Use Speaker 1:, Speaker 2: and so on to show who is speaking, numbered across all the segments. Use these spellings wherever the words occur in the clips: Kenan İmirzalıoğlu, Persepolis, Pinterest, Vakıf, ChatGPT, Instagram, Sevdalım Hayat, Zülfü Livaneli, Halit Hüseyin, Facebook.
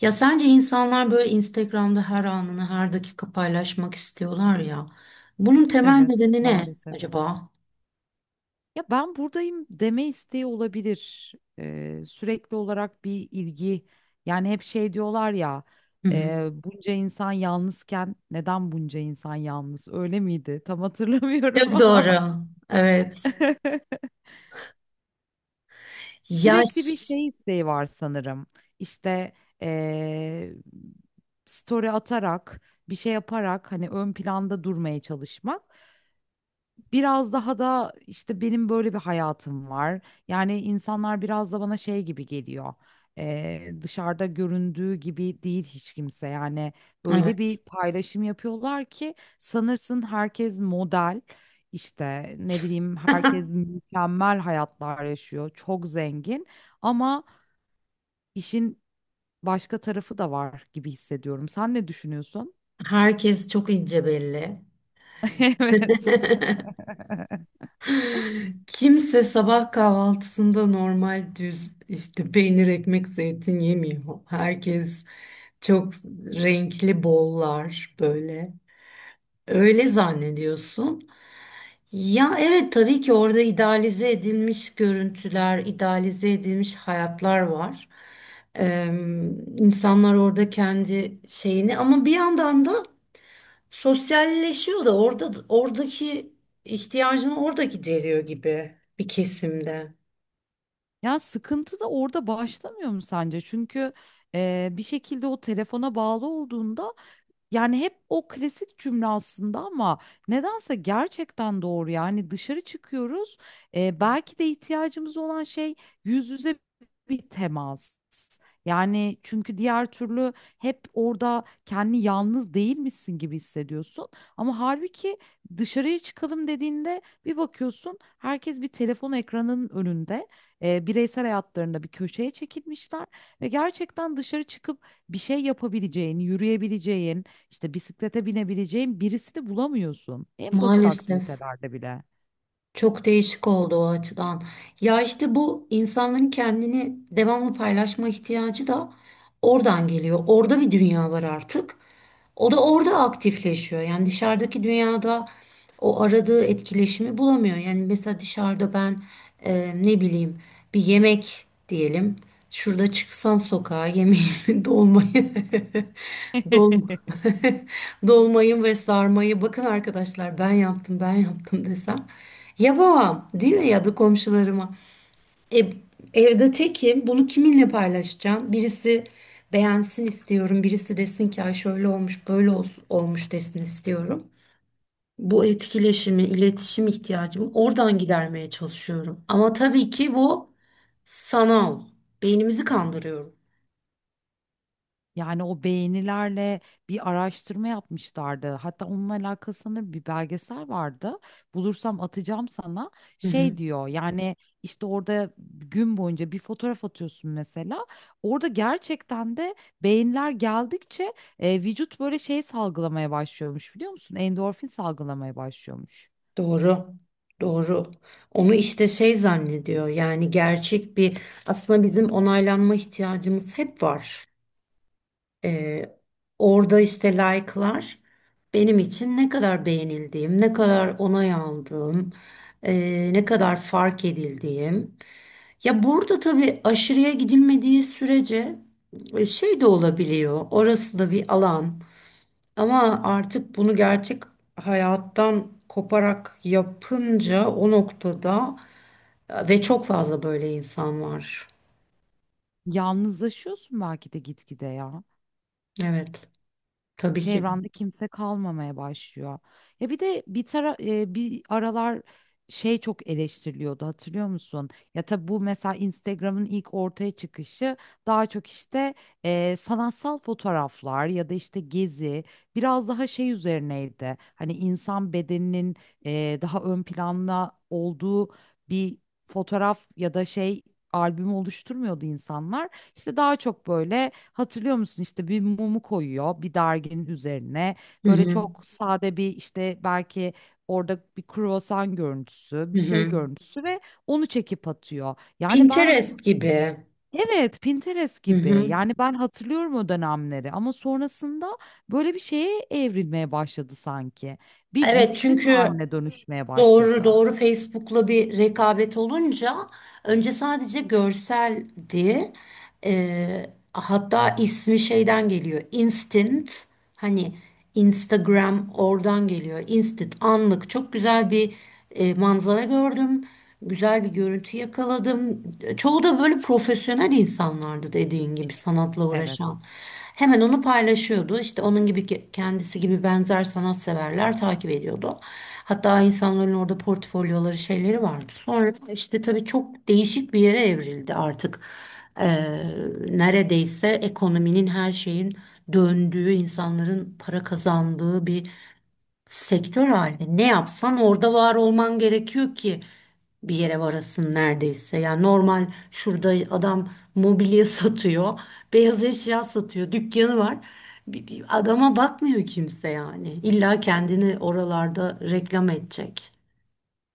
Speaker 1: Ya sence insanlar böyle Instagram'da her anını her dakika paylaşmak istiyorlar ya. Bunun temel
Speaker 2: Evet,
Speaker 1: nedeni ne
Speaker 2: maalesef.
Speaker 1: acaba?
Speaker 2: Ya ben buradayım deme isteği olabilir. Sürekli olarak bir ilgi. Yani hep şey diyorlar ya,
Speaker 1: Hı hı.
Speaker 2: bunca insan yalnızken neden bunca insan yalnız? Öyle miydi? Tam hatırlamıyorum
Speaker 1: Çok
Speaker 2: ama
Speaker 1: doğru. Evet.
Speaker 2: sürekli bir
Speaker 1: Yaş.
Speaker 2: şey isteği var sanırım. İşte e, story atarak, bir şey yaparak hani ön planda durmaya çalışmak. Biraz daha da işte benim böyle bir hayatım var. Yani insanlar biraz da bana şey gibi geliyor. Dışarıda göründüğü gibi değil hiç kimse. Yani öyle
Speaker 1: Evet.
Speaker 2: bir paylaşım yapıyorlar ki sanırsın herkes model. İşte ne bileyim herkes mükemmel hayatlar yaşıyor. Çok zengin ama işin başka tarafı da var gibi hissediyorum. Sen ne düşünüyorsun?
Speaker 1: Herkes çok ince belli.
Speaker 2: Evet.
Speaker 1: Kimse sabah kahvaltısında normal düz işte peynir, ekmek, zeytin yemiyor. Herkes çok renkli bollar böyle. Öyle zannediyorsun. Ya evet, tabii ki orada idealize edilmiş görüntüler, idealize edilmiş hayatlar var. Ee, insanlar orada kendi şeyini, ama bir yandan da sosyalleşiyor da orada, oradaki ihtiyacını orada gideriyor gibi bir kesimde.
Speaker 2: Ya sıkıntı da orada başlamıyor mu sence? Çünkü bir şekilde o telefona bağlı olduğunda yani hep o klasik cümle aslında ama nedense gerçekten doğru. Yani dışarı çıkıyoruz. Belki de ihtiyacımız olan şey yüz yüze bir temas. Yani çünkü diğer türlü hep orada kendi yalnız değilmişsin gibi hissediyorsun. Ama halbuki dışarıya çıkalım dediğinde bir bakıyorsun herkes bir telefon ekranının önünde, bireysel hayatlarında bir köşeye çekilmişler ve gerçekten dışarı çıkıp bir şey yapabileceğin, yürüyebileceğin, işte bisiklete binebileceğin birisini bulamıyorsun. En basit
Speaker 1: Maalesef.
Speaker 2: aktivitelerde bile.
Speaker 1: Çok değişik oldu o açıdan. Ya işte bu insanların kendini devamlı paylaşma ihtiyacı da oradan geliyor. Orada bir dünya var artık. O da orada aktifleşiyor. Yani dışarıdaki dünyada o aradığı etkileşimi bulamıyor. Yani mesela dışarıda ben ne bileyim, bir yemek diyelim. Şurada çıksam sokağa yemeğimi, dolmayı, dolma, dolmayı ve sarmayı, "Bakın arkadaşlar, ben yaptım, ben yaptım," desem. Ya yapamam, değil mi, ya da komşularıma. E, Evde tekim, bunu kiminle paylaşacağım? Birisi beğensin istiyorum, birisi desin ki, "Ay, şöyle olmuş, böyle olmuş desin istiyorum. Bu etkileşimi, iletişim ihtiyacımı oradan gidermeye çalışıyorum. Ama tabii ki bu sanal. Beynimizi kandırıyorum.
Speaker 2: Yani o beğenilerle bir araştırma yapmışlardı. Hatta onunla alakalı sanırım bir belgesel vardı. Bulursam atacağım sana.
Speaker 1: Hı hı.
Speaker 2: Şey diyor yani işte orada gün boyunca bir fotoğraf atıyorsun mesela. Orada gerçekten de beğeniler geldikçe vücut böyle şey salgılamaya başlıyormuş biliyor musun? Endorfin salgılamaya başlıyormuş.
Speaker 1: Doğru. Doğru. Onu işte şey zannediyor. Yani gerçek bir, aslında bizim onaylanma ihtiyacımız hep var. Ee, orada işte like'lar, benim için ne kadar beğenildiğim, ne kadar onay aldığım, ne kadar fark edildiğim. Ya burada tabii, aşırıya gidilmediği sürece şey de olabiliyor. Orası da bir alan. Ama artık bunu gerçek hayattan koparak yapınca, o noktada ve çok fazla böyle insan var.
Speaker 2: Yalnızlaşıyorsun belki de gitgide ya.
Speaker 1: Evet, tabii ki de.
Speaker 2: Çevrende kimse kalmamaya başlıyor. Ya bir de bir tara e, Bir aralar şey çok eleştiriliyordu hatırlıyor musun? Ya tabii bu mesela Instagram'ın ilk ortaya çıkışı daha çok işte sanatsal fotoğraflar ya da işte gezi biraz daha şey üzerineydi. Hani insan bedeninin daha ön planda olduğu bir fotoğraf ya da şey albümü oluşturmuyordu insanlar. İşte daha çok böyle hatırlıyor musun işte bir mumu koyuyor bir derginin üzerine.
Speaker 1: Hı
Speaker 2: Böyle
Speaker 1: hı.
Speaker 2: çok sade bir işte belki orada bir kruvasan görüntüsü,
Speaker 1: Hı
Speaker 2: bir şey
Speaker 1: hı.
Speaker 2: görüntüsü ve onu çekip atıyor. Yani ben
Speaker 1: Pinterest gibi.
Speaker 2: evet Pinterest
Speaker 1: Hı
Speaker 2: gibi
Speaker 1: hı.
Speaker 2: yani ben hatırlıyorum o dönemleri ama sonrasında böyle bir şeye evrilmeye başladı sanki. Bir
Speaker 1: Evet,
Speaker 2: vitrin
Speaker 1: çünkü
Speaker 2: haline dönüşmeye
Speaker 1: doğru,
Speaker 2: başladı.
Speaker 1: doğru, Facebook'la bir rekabet olunca önce sadece görseldi. Ee, hatta ismi şeyden geliyor. Instant, hani Instagram oradan geliyor. Instant, anlık. Çok güzel bir manzara gördüm. Güzel bir görüntü yakaladım. Çoğu da böyle profesyonel insanlardı, dediğin gibi sanatla
Speaker 2: Evet,
Speaker 1: uğraşan. Hemen onu paylaşıyordu. İşte onun gibi, kendisi gibi benzer sanatseverler takip ediyordu. Hatta insanların orada portfolyoları, şeyleri vardı. Sonra işte tabii çok değişik bir yere evrildi artık. Ee, neredeyse ekonominin, her şeyin döndüğü, insanların para kazandığı bir sektör halinde. Ne yapsan orada var olman gerekiyor ki bir yere varasın neredeyse. Yani normal şurada adam mobilya satıyor, beyaz eşya satıyor, dükkanı var. Bir adama bakmıyor kimse yani. İlla kendini oralarda reklam edecek.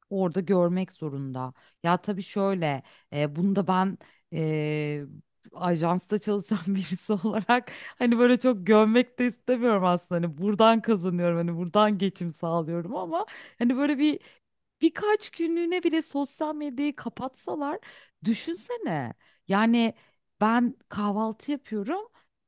Speaker 2: orada görmek zorunda. Ya tabii şöyle, e, bunu da ben e, ajansta çalışan birisi olarak hani böyle çok gömmek de istemiyorum aslında. Hani buradan kazanıyorum, hani buradan geçim sağlıyorum ama hani böyle bir birkaç günlüğüne bile sosyal medyayı kapatsalar düşünsene. Yani ben kahvaltı yapıyorum.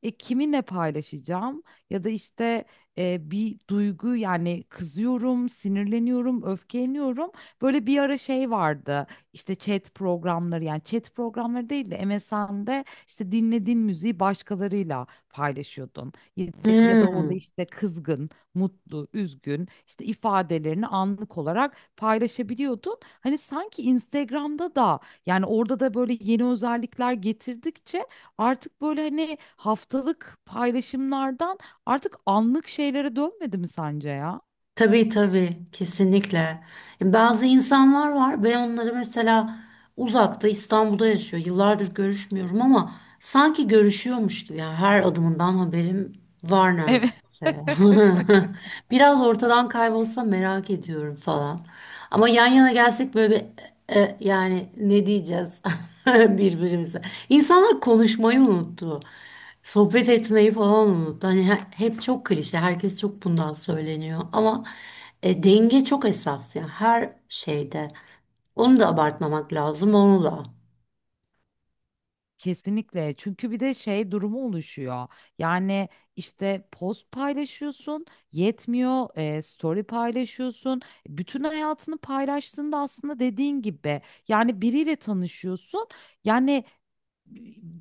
Speaker 2: E, kiminle paylaşacağım ya da işte bir duygu yani kızıyorum, sinirleniyorum, öfkeleniyorum. Böyle bir ara şey vardı işte chat programları yani chat programları değil de MSN'de işte dinlediğin müziği başkalarıyla paylaşıyordun. Ya da orada
Speaker 1: Hmm.
Speaker 2: işte kızgın, mutlu, üzgün işte ifadelerini anlık olarak paylaşabiliyordun. Hani sanki Instagram'da da yani orada da böyle yeni özellikler getirdikçe artık böyle hani haftalık paylaşımlardan artık anlık şeylere dönmedi mi sence ya?
Speaker 1: Tabii, tabii, kesinlikle. Bazı insanlar var, ben onları mesela uzakta, İstanbul'da yaşıyor. Yıllardır görüşmüyorum ama sanki görüşüyormuş gibi, yani her adımından haberim var
Speaker 2: Evet.
Speaker 1: neredeyse. Biraz ortadan kaybolsa merak ediyorum falan. Ama yan yana gelsek böyle bir, yani ne diyeceğiz birbirimize. İnsanlar konuşmayı unuttu. Sohbet etmeyi falan unut. Hani hep çok klişe, herkes çok bundan söyleniyor ama denge çok esas ya, her şeyde. Onu da abartmamak lazım, onu da.
Speaker 2: Kesinlikle. Çünkü bir de şey durumu oluşuyor. Yani işte post paylaşıyorsun, yetmiyor, story paylaşıyorsun. Bütün hayatını paylaştığında aslında dediğin gibi yani biriyle tanışıyorsun. Yani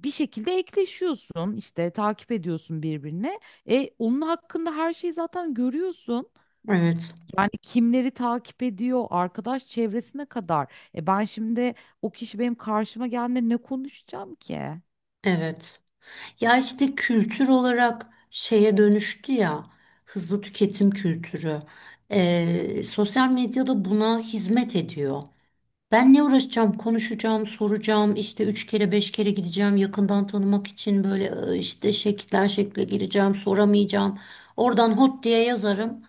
Speaker 2: bir şekilde ekleşiyorsun işte takip ediyorsun birbirine. E, onun hakkında her şeyi zaten görüyorsun.
Speaker 1: Evet,
Speaker 2: Yani kimleri takip ediyor, arkadaş çevresine kadar. E ben şimdi o kişi benim karşıma geldiğinde ne konuşacağım ki?
Speaker 1: evet. Ya işte kültür olarak şeye dönüştü ya, hızlı tüketim kültürü. Sosyal medyada buna hizmet ediyor. Ben ne uğraşacağım? Konuşacağım, soracağım, işte üç kere, beş kere gideceğim yakından tanımak için, böyle işte şekilden şekle gireceğim, soramayacağım. Oradan hot diye yazarım.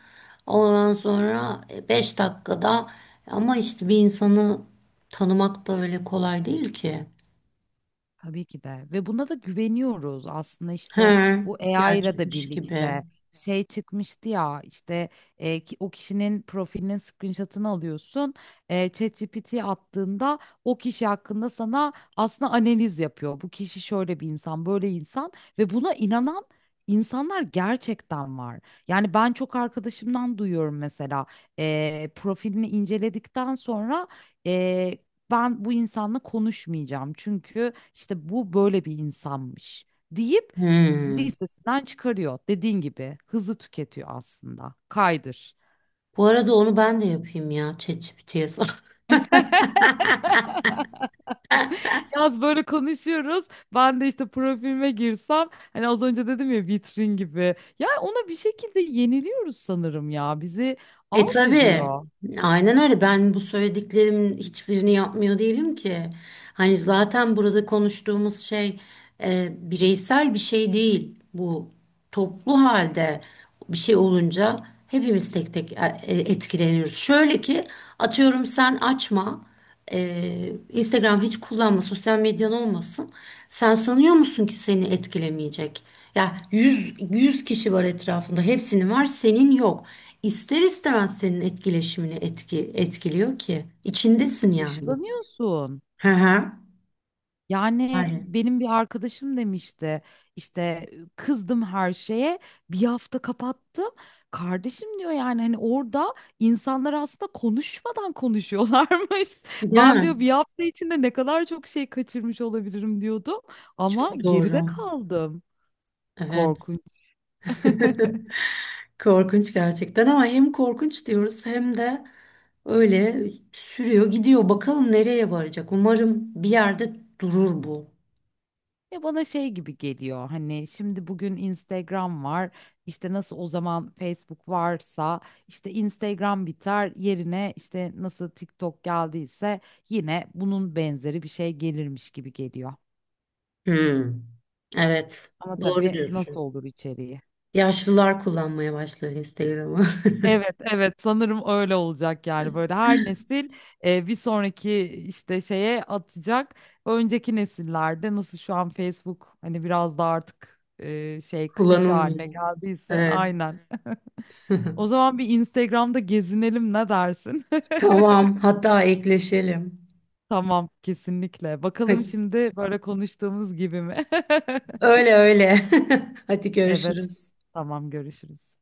Speaker 1: Ondan sonra beş dakikada, ama işte bir insanı tanımak da öyle kolay değil ki.
Speaker 2: Tabii ki de ve buna da güveniyoruz aslında işte
Speaker 1: He,
Speaker 2: bu AI ile de
Speaker 1: gerçekmiş gibi.
Speaker 2: birlikte şey çıkmıştı ya işte o kişinin profilinin screenshot'ını alıyorsun, ChatGPT 'ye attığında o kişi hakkında sana aslında analiz yapıyor bu kişi şöyle bir insan böyle insan ve buna inanan insanlar gerçekten var yani ben çok arkadaşımdan duyuyorum mesela, profilini inceledikten sonra ben bu insanla konuşmayacağım çünkü işte bu böyle bir insanmış deyip
Speaker 1: Hmm.
Speaker 2: listesinden çıkarıyor. Dediğin gibi hızı tüketiyor aslında. Kaydır.
Speaker 1: Bu arada onu ben de yapayım ya, ChatGPT'ye sor.
Speaker 2: Yaz böyle konuşuyoruz. Ben de işte profilime girsem hani az önce dedim ya vitrin gibi. Ya ona bir şekilde yeniliyoruz sanırım ya. Bizi
Speaker 1: E
Speaker 2: alt
Speaker 1: tabii.
Speaker 2: ediyor.
Speaker 1: Aynen öyle. Ben bu söylediklerimin hiçbirini yapmıyor değilim ki. Hani zaten burada konuştuğumuz şey bireysel bir şey değil. Bu toplu halde bir şey olunca hepimiz tek tek etkileniyoruz. Şöyle ki, atıyorum, sen açma. Instagram hiç kullanma, sosyal medyan olmasın. Sen sanıyor musun ki seni etkilemeyecek? Ya yüz, 100 kişi var etrafında, hepsinin var, senin yok. İster istemez senin etkileşimini etkiliyor ki. İçindesin yani.
Speaker 2: Dışlanıyorsun.
Speaker 1: Hı hı.
Speaker 2: Yani
Speaker 1: Aynen.
Speaker 2: benim bir arkadaşım demişti işte kızdım her şeye bir hafta kapattım. Kardeşim diyor yani hani orada insanlar aslında konuşmadan konuşuyorlarmış.
Speaker 1: Değil
Speaker 2: Ben
Speaker 1: mi?
Speaker 2: diyor bir hafta içinde ne kadar çok şey kaçırmış olabilirim diyordum ama
Speaker 1: Çok
Speaker 2: geride
Speaker 1: doğru.
Speaker 2: kaldım.
Speaker 1: Evet.
Speaker 2: Korkunç.
Speaker 1: Korkunç gerçekten, ama hem korkunç diyoruz, hem de öyle sürüyor gidiyor. Bakalım nereye varacak. Umarım bir yerde durur bu.
Speaker 2: Ya bana şey gibi geliyor hani şimdi bugün Instagram var işte nasıl o zaman Facebook varsa işte Instagram biter yerine işte nasıl TikTok geldiyse yine bunun benzeri bir şey gelirmiş gibi geliyor.
Speaker 1: Hmm, evet.
Speaker 2: Ama
Speaker 1: Doğru
Speaker 2: tabii nasıl
Speaker 1: diyorsun.
Speaker 2: olur içeriği?
Speaker 1: Yaşlılar kullanmaya başlar Instagram'ı.
Speaker 2: Evet, evet sanırım öyle olacak yani böyle her nesil bir sonraki işte şeye atacak. Önceki nesillerde nasıl şu an Facebook hani biraz da artık şey klişe
Speaker 1: Kullanılmıyor.
Speaker 2: haline geldiyse
Speaker 1: Evet.
Speaker 2: aynen. O zaman bir Instagram'da gezinelim ne dersin?
Speaker 1: Tamam. Hatta ekleşelim.
Speaker 2: Tamam, kesinlikle. Bakalım şimdi böyle konuştuğumuz gibi mi?
Speaker 1: Öyle, öyle. Hadi,
Speaker 2: Evet.
Speaker 1: görüşürüz.
Speaker 2: Tamam, görüşürüz.